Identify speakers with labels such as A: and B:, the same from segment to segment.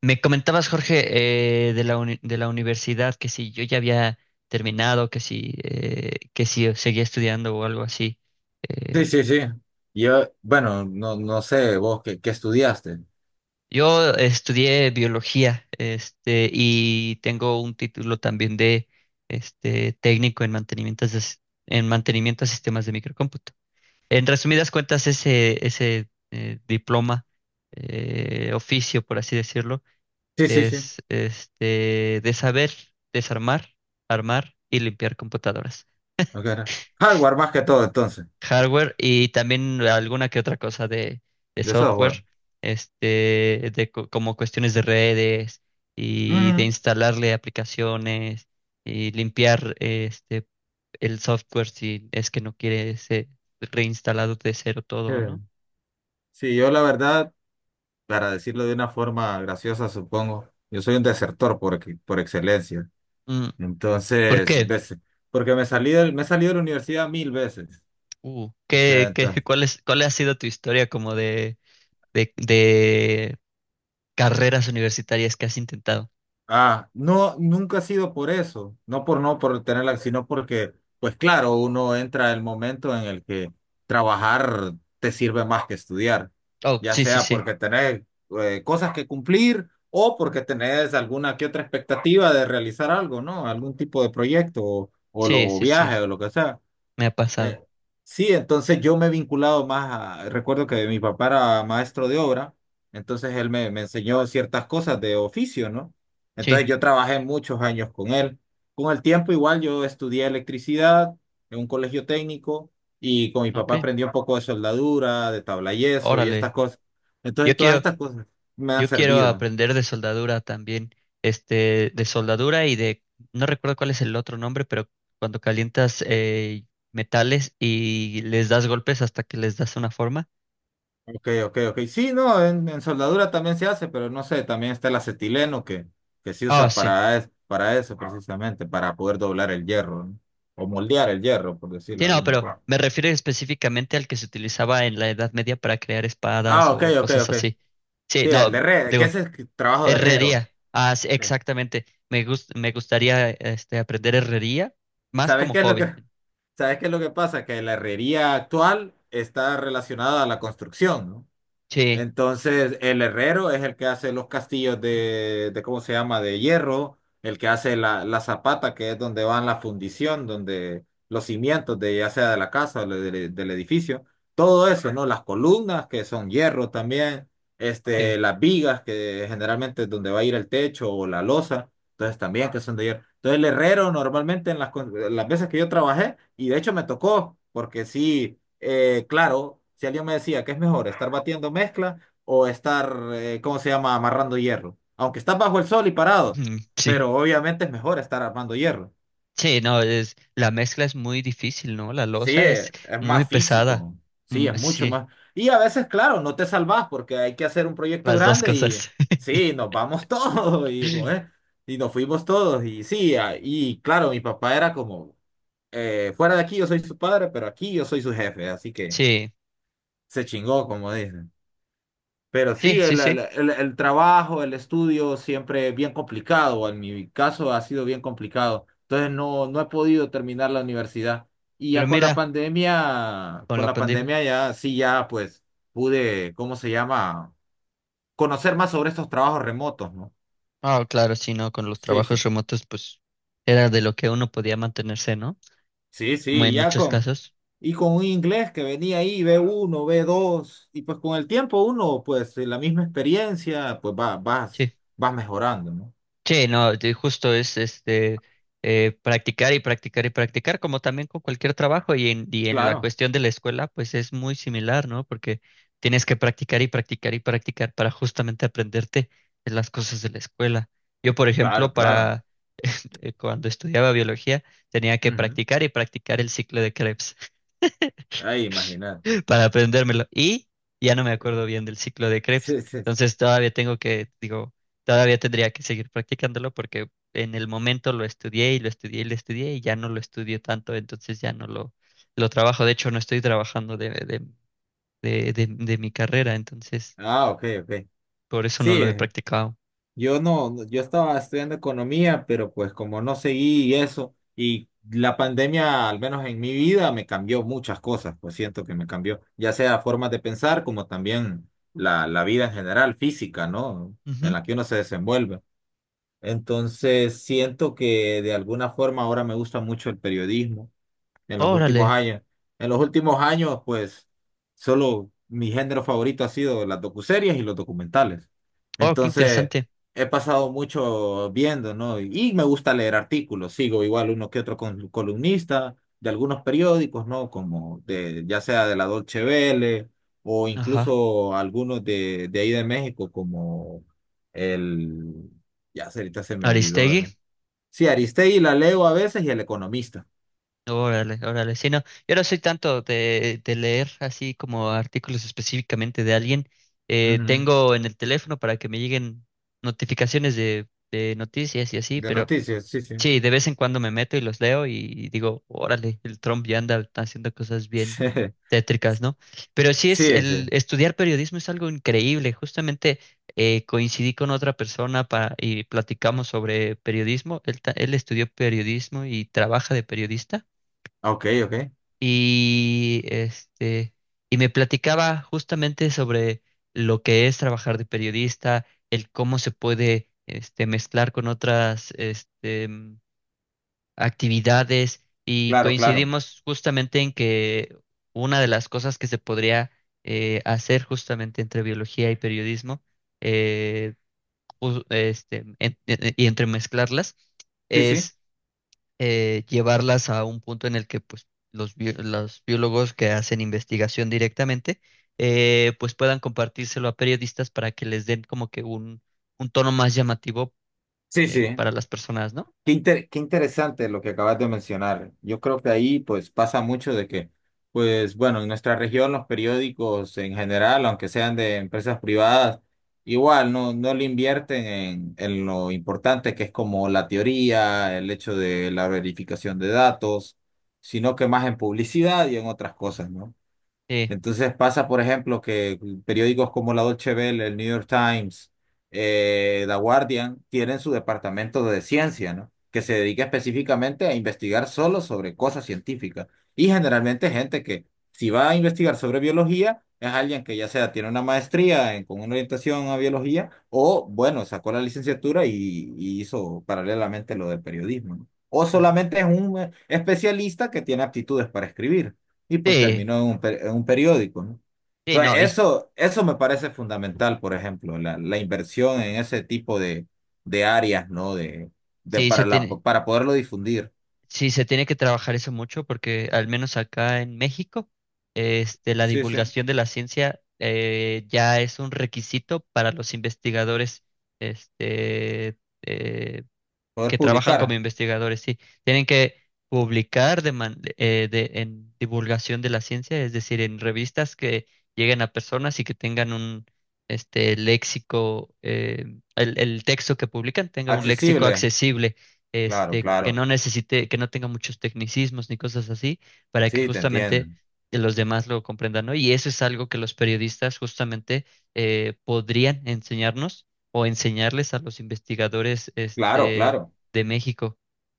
A: Me comentabas, Jorge, de la de la universidad, que si yo ya había terminado, que si seguía estudiando o algo así. Eh,
B: Sí, sí, sí. Yo, bueno, no, no sé, vos qué, qué estudiaste.
A: yo estudié biología, este, y tengo un título también de este, técnico en mantenimiento, en mantenimiento de sistemas de microcómputo. En resumidas cuentas, ese diploma, oficio, por así decirlo,
B: Sí, sí, sí.
A: es este de saber desarmar, armar y limpiar computadoras.
B: Ok, era. Hardware más que todo, entonces,
A: Hardware y también alguna que otra cosa de
B: de software.
A: software, este, de como cuestiones de redes y de
B: Ujú.
A: instalarle aplicaciones y limpiar este el software si es que no quiere ser reinstalado de cero
B: Sí.
A: todo, ¿no?
B: Sí, yo la verdad, para decirlo de una forma graciosa, supongo, yo soy un desertor por excelencia.
A: Mm. ¿Por
B: Entonces,
A: qué?
B: veces, porque me he salido de la universidad mil veces. O sea,
A: ¿Cuál es, cuál ha sido tu historia como de de, de carreras universitarias que has intentado?
B: ah, no, nunca ha sido por eso, no por tenerla, sino porque, pues claro, uno entra el momento en el que trabajar te sirve más que estudiar,
A: Oh,
B: ya
A: sí, sí,
B: sea
A: sí.
B: porque tenés cosas que cumplir o porque tenés alguna que otra expectativa de realizar algo, ¿no? Algún tipo de proyecto o,
A: Sí,
B: o
A: sí, sí.
B: viaje o lo que sea.
A: Me ha pasado.
B: Eh, sí, entonces yo me he vinculado más a, recuerdo que mi papá era maestro de obra, entonces me enseñó ciertas cosas de oficio, ¿no? Entonces
A: Sí,
B: yo trabajé muchos años con él. Con el tiempo igual yo estudié electricidad en un colegio técnico y con mi
A: ok.
B: papá aprendí un poco de soldadura, de tablayeso y estas
A: Órale.
B: cosas. Entonces
A: Yo
B: todas
A: quiero,
B: estas cosas me han
A: yo quiero
B: servido.
A: aprender de soldadura también. Este, de soldadura y de, no recuerdo cuál es el otro nombre, pero cuando calientas metales y les das golpes hasta que les das una forma.
B: Ok, ok, ok. Sí, no, en soldadura también se hace, pero no sé, también está el acetileno que se
A: Ah,
B: usa
A: sí.
B: para eso precisamente, para poder doblar el hierro, ¿no? O moldear el hierro, por decirlo
A: Sí,
B: de
A: no,
B: alguna
A: pero
B: forma.
A: me refiero específicamente al que se utilizaba en la Edad Media para crear espadas
B: Ah, ok,
A: o
B: ok,
A: cosas
B: ok.
A: así. Sí,
B: Sí, el de
A: no,
B: herrero, que
A: digo,
B: ese es el trabajo de herrero.
A: Herrería, ah, sí,
B: Sí.
A: exactamente. Me gustaría este, aprender herrería más
B: ¿Sabes
A: como
B: qué es lo que,
A: hobby.
B: sabes qué es lo que pasa? Que la herrería actual está relacionada a la construcción, ¿no?
A: Sí,
B: Entonces, el herrero es el que hace los castillos de ¿cómo se llama? De hierro, el que hace la zapata, que es donde van la fundición, donde los cimientos de ya sea de la casa del edificio, todo eso, ¿no? Las columnas que son hierro también,
A: sí,
B: este, las vigas que generalmente es donde va a ir el techo o la losa, entonces también que son de hierro. Entonces, el herrero normalmente en las veces que yo trabajé, y de hecho me tocó, porque sí claro, si alguien me decía que es mejor estar batiendo mezcla o estar, ¿cómo se llama?, amarrando hierro. Aunque estás bajo el sol y parado,
A: mm, sí.
B: pero obviamente es mejor estar armando hierro.
A: Sí, no, es, la mezcla es muy difícil, ¿no? La
B: Sí,
A: loza es
B: es
A: muy
B: más
A: pesada.
B: físico, sí,
A: Mm,
B: es mucho
A: sí,
B: más. Y a veces, claro, no te salvás porque hay que hacer un proyecto
A: las dos
B: grande y
A: cosas.
B: sí, nos vamos todos y, como es, y nos fuimos todos. Y sí, ah, y claro, mi papá era como, fuera de aquí yo soy su padre, pero aquí yo soy su jefe, así que
A: Sí,
B: se chingó, como dice. Pero
A: sí,
B: sí,
A: sí, sí.
B: el trabajo, el estudio siempre es bien complicado. En mi caso ha sido bien complicado. Entonces no, no he podido terminar la universidad. Y
A: Pero
B: ya
A: mira, con
B: con
A: la
B: la
A: pandemia.
B: pandemia ya sí, ya pues pude, ¿cómo se llama? Conocer más sobre estos trabajos remotos, ¿no?
A: Ah, claro, sí, no, con los
B: Sí,
A: trabajos
B: sí.
A: remotos, pues era de lo que uno podía mantenerse, ¿no?
B: Sí, sí,
A: En
B: ya
A: muchos
B: con,
A: casos.
B: y con un inglés que venía ahí, B1, B2, y pues con el tiempo uno, pues la misma experiencia, pues va,
A: Sí.
B: vas mejorando, ¿no?
A: Sí, no, justo es este practicar y practicar y practicar, como también con cualquier trabajo y en la
B: Claro,
A: cuestión de la escuela, pues es muy similar, ¿no? Porque tienes que practicar y practicar y practicar para justamente aprenderte de las cosas de la escuela. Yo, por
B: claro,
A: ejemplo,
B: claro.
A: para cuando estudiaba biología, tenía que
B: Ujú.
A: practicar y practicar el ciclo de Krebs
B: Ay, imagínate.
A: para aprendérmelo. Y ya no me acuerdo bien del ciclo de Krebs.
B: Sí, sí.
A: Entonces todavía tengo que, digo, todavía tendría que seguir practicándolo porque en el momento lo estudié y lo estudié y lo estudié y ya no lo estudio tanto, entonces ya no lo trabajo. De hecho, no estoy trabajando de mi carrera, entonces
B: Ah, ok, ok.
A: por eso no
B: Sí,
A: lo he practicado.
B: yo yo estaba estudiando economía, pero pues como no seguí eso, y la pandemia, al menos en mi vida, me cambió muchas cosas, pues siento que me cambió, ya sea formas de pensar, como también la vida en general, física, ¿no? En
A: Ujú.
B: la que uno se desenvuelve. Entonces, siento que de alguna forma ahora me gusta mucho el periodismo en los
A: Órale.
B: últimos años. En los últimos años, pues, solo mi género favorito ha sido las docuseries y los documentales.
A: Oh, qué
B: Entonces,
A: interesante.
B: he pasado mucho viendo, ¿no? Y me gusta leer artículos. Sigo igual uno que otro columnista de algunos periódicos, ¿no? Como de, ya sea de la Dolce Vele o
A: Ajá.
B: incluso algunos de ahí de México, como el... Ya ahorita se me olvidó.
A: Aristegui.
B: ¿Eh? Sí, Aristegui la leo a veces y El Economista.
A: Órale, órale. Sí, no, yo no soy tanto de leer así como artículos específicamente de alguien.
B: Ujú.
A: Tengo en el teléfono para que me lleguen notificaciones de noticias y así,
B: De
A: pero
B: noticias, sí, sí.
A: sí, de vez en cuando me meto y los leo y digo, órale, el Trump ya anda haciendo cosas bien tétricas, ¿no? Pero sí es,
B: Sí, sí,
A: el
B: sí.
A: estudiar periodismo es algo increíble. Justamente coincidí con otra persona para, y platicamos sobre periodismo. Él, él estudió periodismo y trabaja de periodista
B: Ok, ok.
A: y este y me platicaba justamente sobre lo que es trabajar de periodista, el cómo se puede este mezclar con otras actividades y
B: Claro, claro.
A: coincidimos justamente en que una de las cosas que se podría hacer justamente entre biología y periodismo eh, y entremezclarlas
B: Sí, sí.
A: es llevarlas a un punto en el que pues, los biólogos que hacen investigación directamente pues puedan compartírselo a periodistas para que les den como que un tono más llamativo
B: Sí, sí.
A: para las personas, ¿no?
B: Qué qué interesante lo que acabas de mencionar. Yo creo que ahí pues pasa mucho de que, pues bueno, en nuestra región los periódicos en general, aunque sean de empresas privadas, igual no, no le invierten en lo importante que es como la teoría, el hecho de la verificación de datos, sino que más en publicidad y en otras cosas, ¿no?
A: Sí,
B: Entonces pasa, por ejemplo, que periódicos como la Dolce Vele, el New York Times, The Guardian, tienen su departamento de ciencia, ¿no? Que se dedica específicamente a investigar solo sobre cosas científicas. Y generalmente gente que si va a investigar sobre biología, es alguien que ya sea tiene una maestría con una orientación a biología o, bueno, sacó la licenciatura y hizo paralelamente lo del periodismo, ¿no? O
A: ujú,
B: solamente es un especialista que tiene aptitudes para escribir y pues
A: sí,
B: terminó en en un periódico, ¿no?
A: sí,
B: Entonces,
A: no, hijo,
B: eso me parece fundamental, por ejemplo, la inversión en ese tipo de áreas, ¿no? De
A: sí se
B: para la,
A: tiene,
B: para poderlo difundir.
A: sí se tiene que trabajar eso mucho porque al menos acá en México este, la
B: Sí, sí.
A: divulgación de la ciencia ya es un requisito para los investigadores este,
B: Poder
A: que trabajan como
B: publicar.
A: investigadores, sí, tienen que publicar de en divulgación de la ciencia, es decir, en revistas que lleguen a personas y que tengan un este léxico, el texto que publican tenga un léxico
B: Accesible.
A: accesible,
B: Claro,
A: este, que
B: claro.
A: no necesite, que no tenga muchos tecnicismos ni cosas así, para que
B: Sí, te entiendo.
A: justamente los demás lo comprendan, ¿no? Y eso es algo que los periodistas justamente podrían enseñarnos o enseñarles a los investigadores,
B: Claro,
A: este,
B: claro.
A: de México,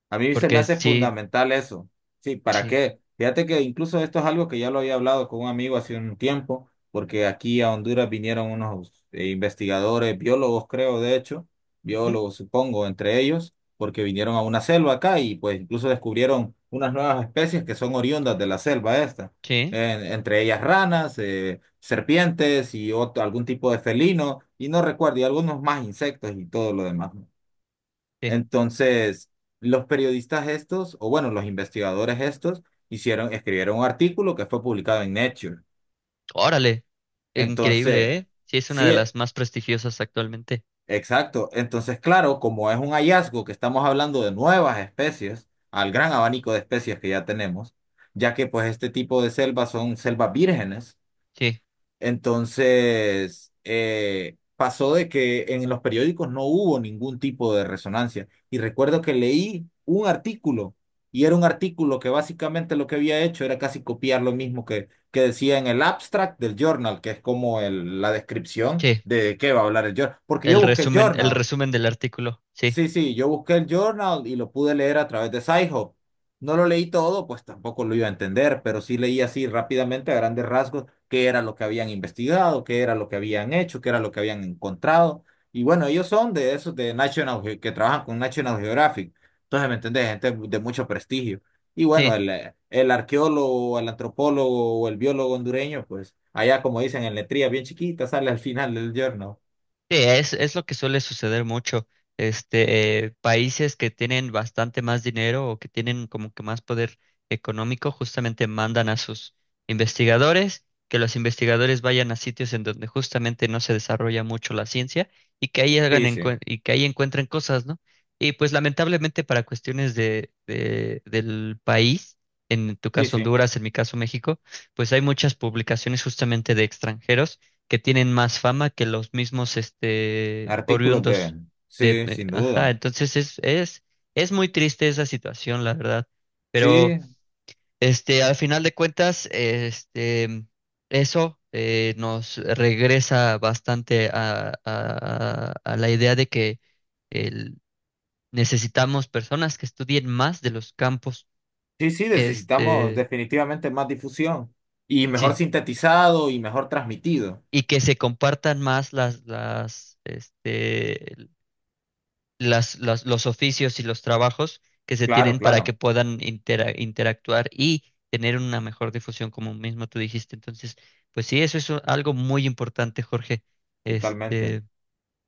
B: A mí se me
A: porque
B: hace
A: sí,
B: fundamental eso. Sí, ¿para
A: sí,
B: qué? Fíjate que incluso esto es algo que ya lo había hablado con un amigo hace un tiempo, porque aquí a Honduras vinieron unos investigadores, biólogos creo, de hecho,
A: ujú,
B: biólogos supongo, entre ellos, porque vinieron a una selva acá y pues incluso descubrieron unas nuevas especies que son oriundas de la selva esta,
A: sí,
B: entre ellas ranas, serpientes y otro, algún tipo de felino, y no recuerdo, y algunos más insectos y todo lo demás, ¿no?
A: sí.
B: Entonces, los periodistas estos, o bueno, los investigadores estos, hicieron, escribieron un artículo que fue publicado en Nature.
A: Órale, increíble,
B: Entonces,
A: ¿eh? Sí, es una
B: sí,
A: de las más prestigiosas actualmente.
B: exacto. Entonces, claro, como es un hallazgo que estamos hablando de nuevas especies, al gran abanico de especies que ya tenemos, ya que pues este tipo de selvas son selvas vírgenes.
A: Sí,
B: Entonces, pasó de que en los periódicos no hubo ningún tipo de resonancia. Y recuerdo que leí un artículo, y era un artículo que básicamente lo que había hecho era casi copiar lo mismo que decía en el abstract del journal, que es como la descripción
A: sí.
B: de qué va a hablar el journal. Porque yo busqué el
A: El
B: journal.
A: resumen del artículo. Sí,
B: Sí, sí, yo busqué el journal y lo pude leer a través de SciHub. No lo leí todo, pues tampoco lo iba a entender, pero sí leí así rápidamente a grandes rasgos qué era lo que habían investigado, qué era lo que habían hecho, qué era lo que habían encontrado. Y bueno, ellos son de esos de que trabajan con National Geographic. Entonces, ¿me entendés? Gente de mucho prestigio. Y bueno,
A: sí.
B: el arqueólogo, el antropólogo o el biólogo hondureño, pues allá como dicen en letrías bien chiquitas, sale al final del journal.
A: Sí, es lo que suele suceder mucho. Este, países que tienen bastante más dinero o que tienen como que más poder económico, justamente mandan a sus investigadores, que los investigadores vayan a sitios en donde justamente no se desarrolla mucho la ciencia y que ahí hagan
B: Sí, sí,
A: y que ahí encuentren cosas, ¿no? Y pues lamentablemente para cuestiones del país, en tu
B: sí,
A: caso
B: sí.
A: Honduras, en mi caso México, pues hay muchas publicaciones justamente de extranjeros que tienen más fama que los mismos este
B: Artículos de...
A: oriundos.
B: Sí, sin
A: Ajá,
B: duda.
A: entonces es muy triste esa situación, la verdad. Pero
B: Sí,
A: este, al final de cuentas, este, eso nos regresa bastante a la idea de que el- necesitamos personas que estudien más de los campos,
B: sí, sí, necesitamos
A: este,
B: definitivamente más difusión y mejor
A: sí,
B: sintetizado y mejor transmitido.
A: y que se compartan más las, este, las- los oficios y los trabajos que se
B: Claro,
A: tienen para que
B: claro,
A: puedan interactuar y tener una mejor difusión, como mismo tú dijiste. Entonces, pues sí, eso es algo muy importante, Jorge.
B: totalmente.
A: Este,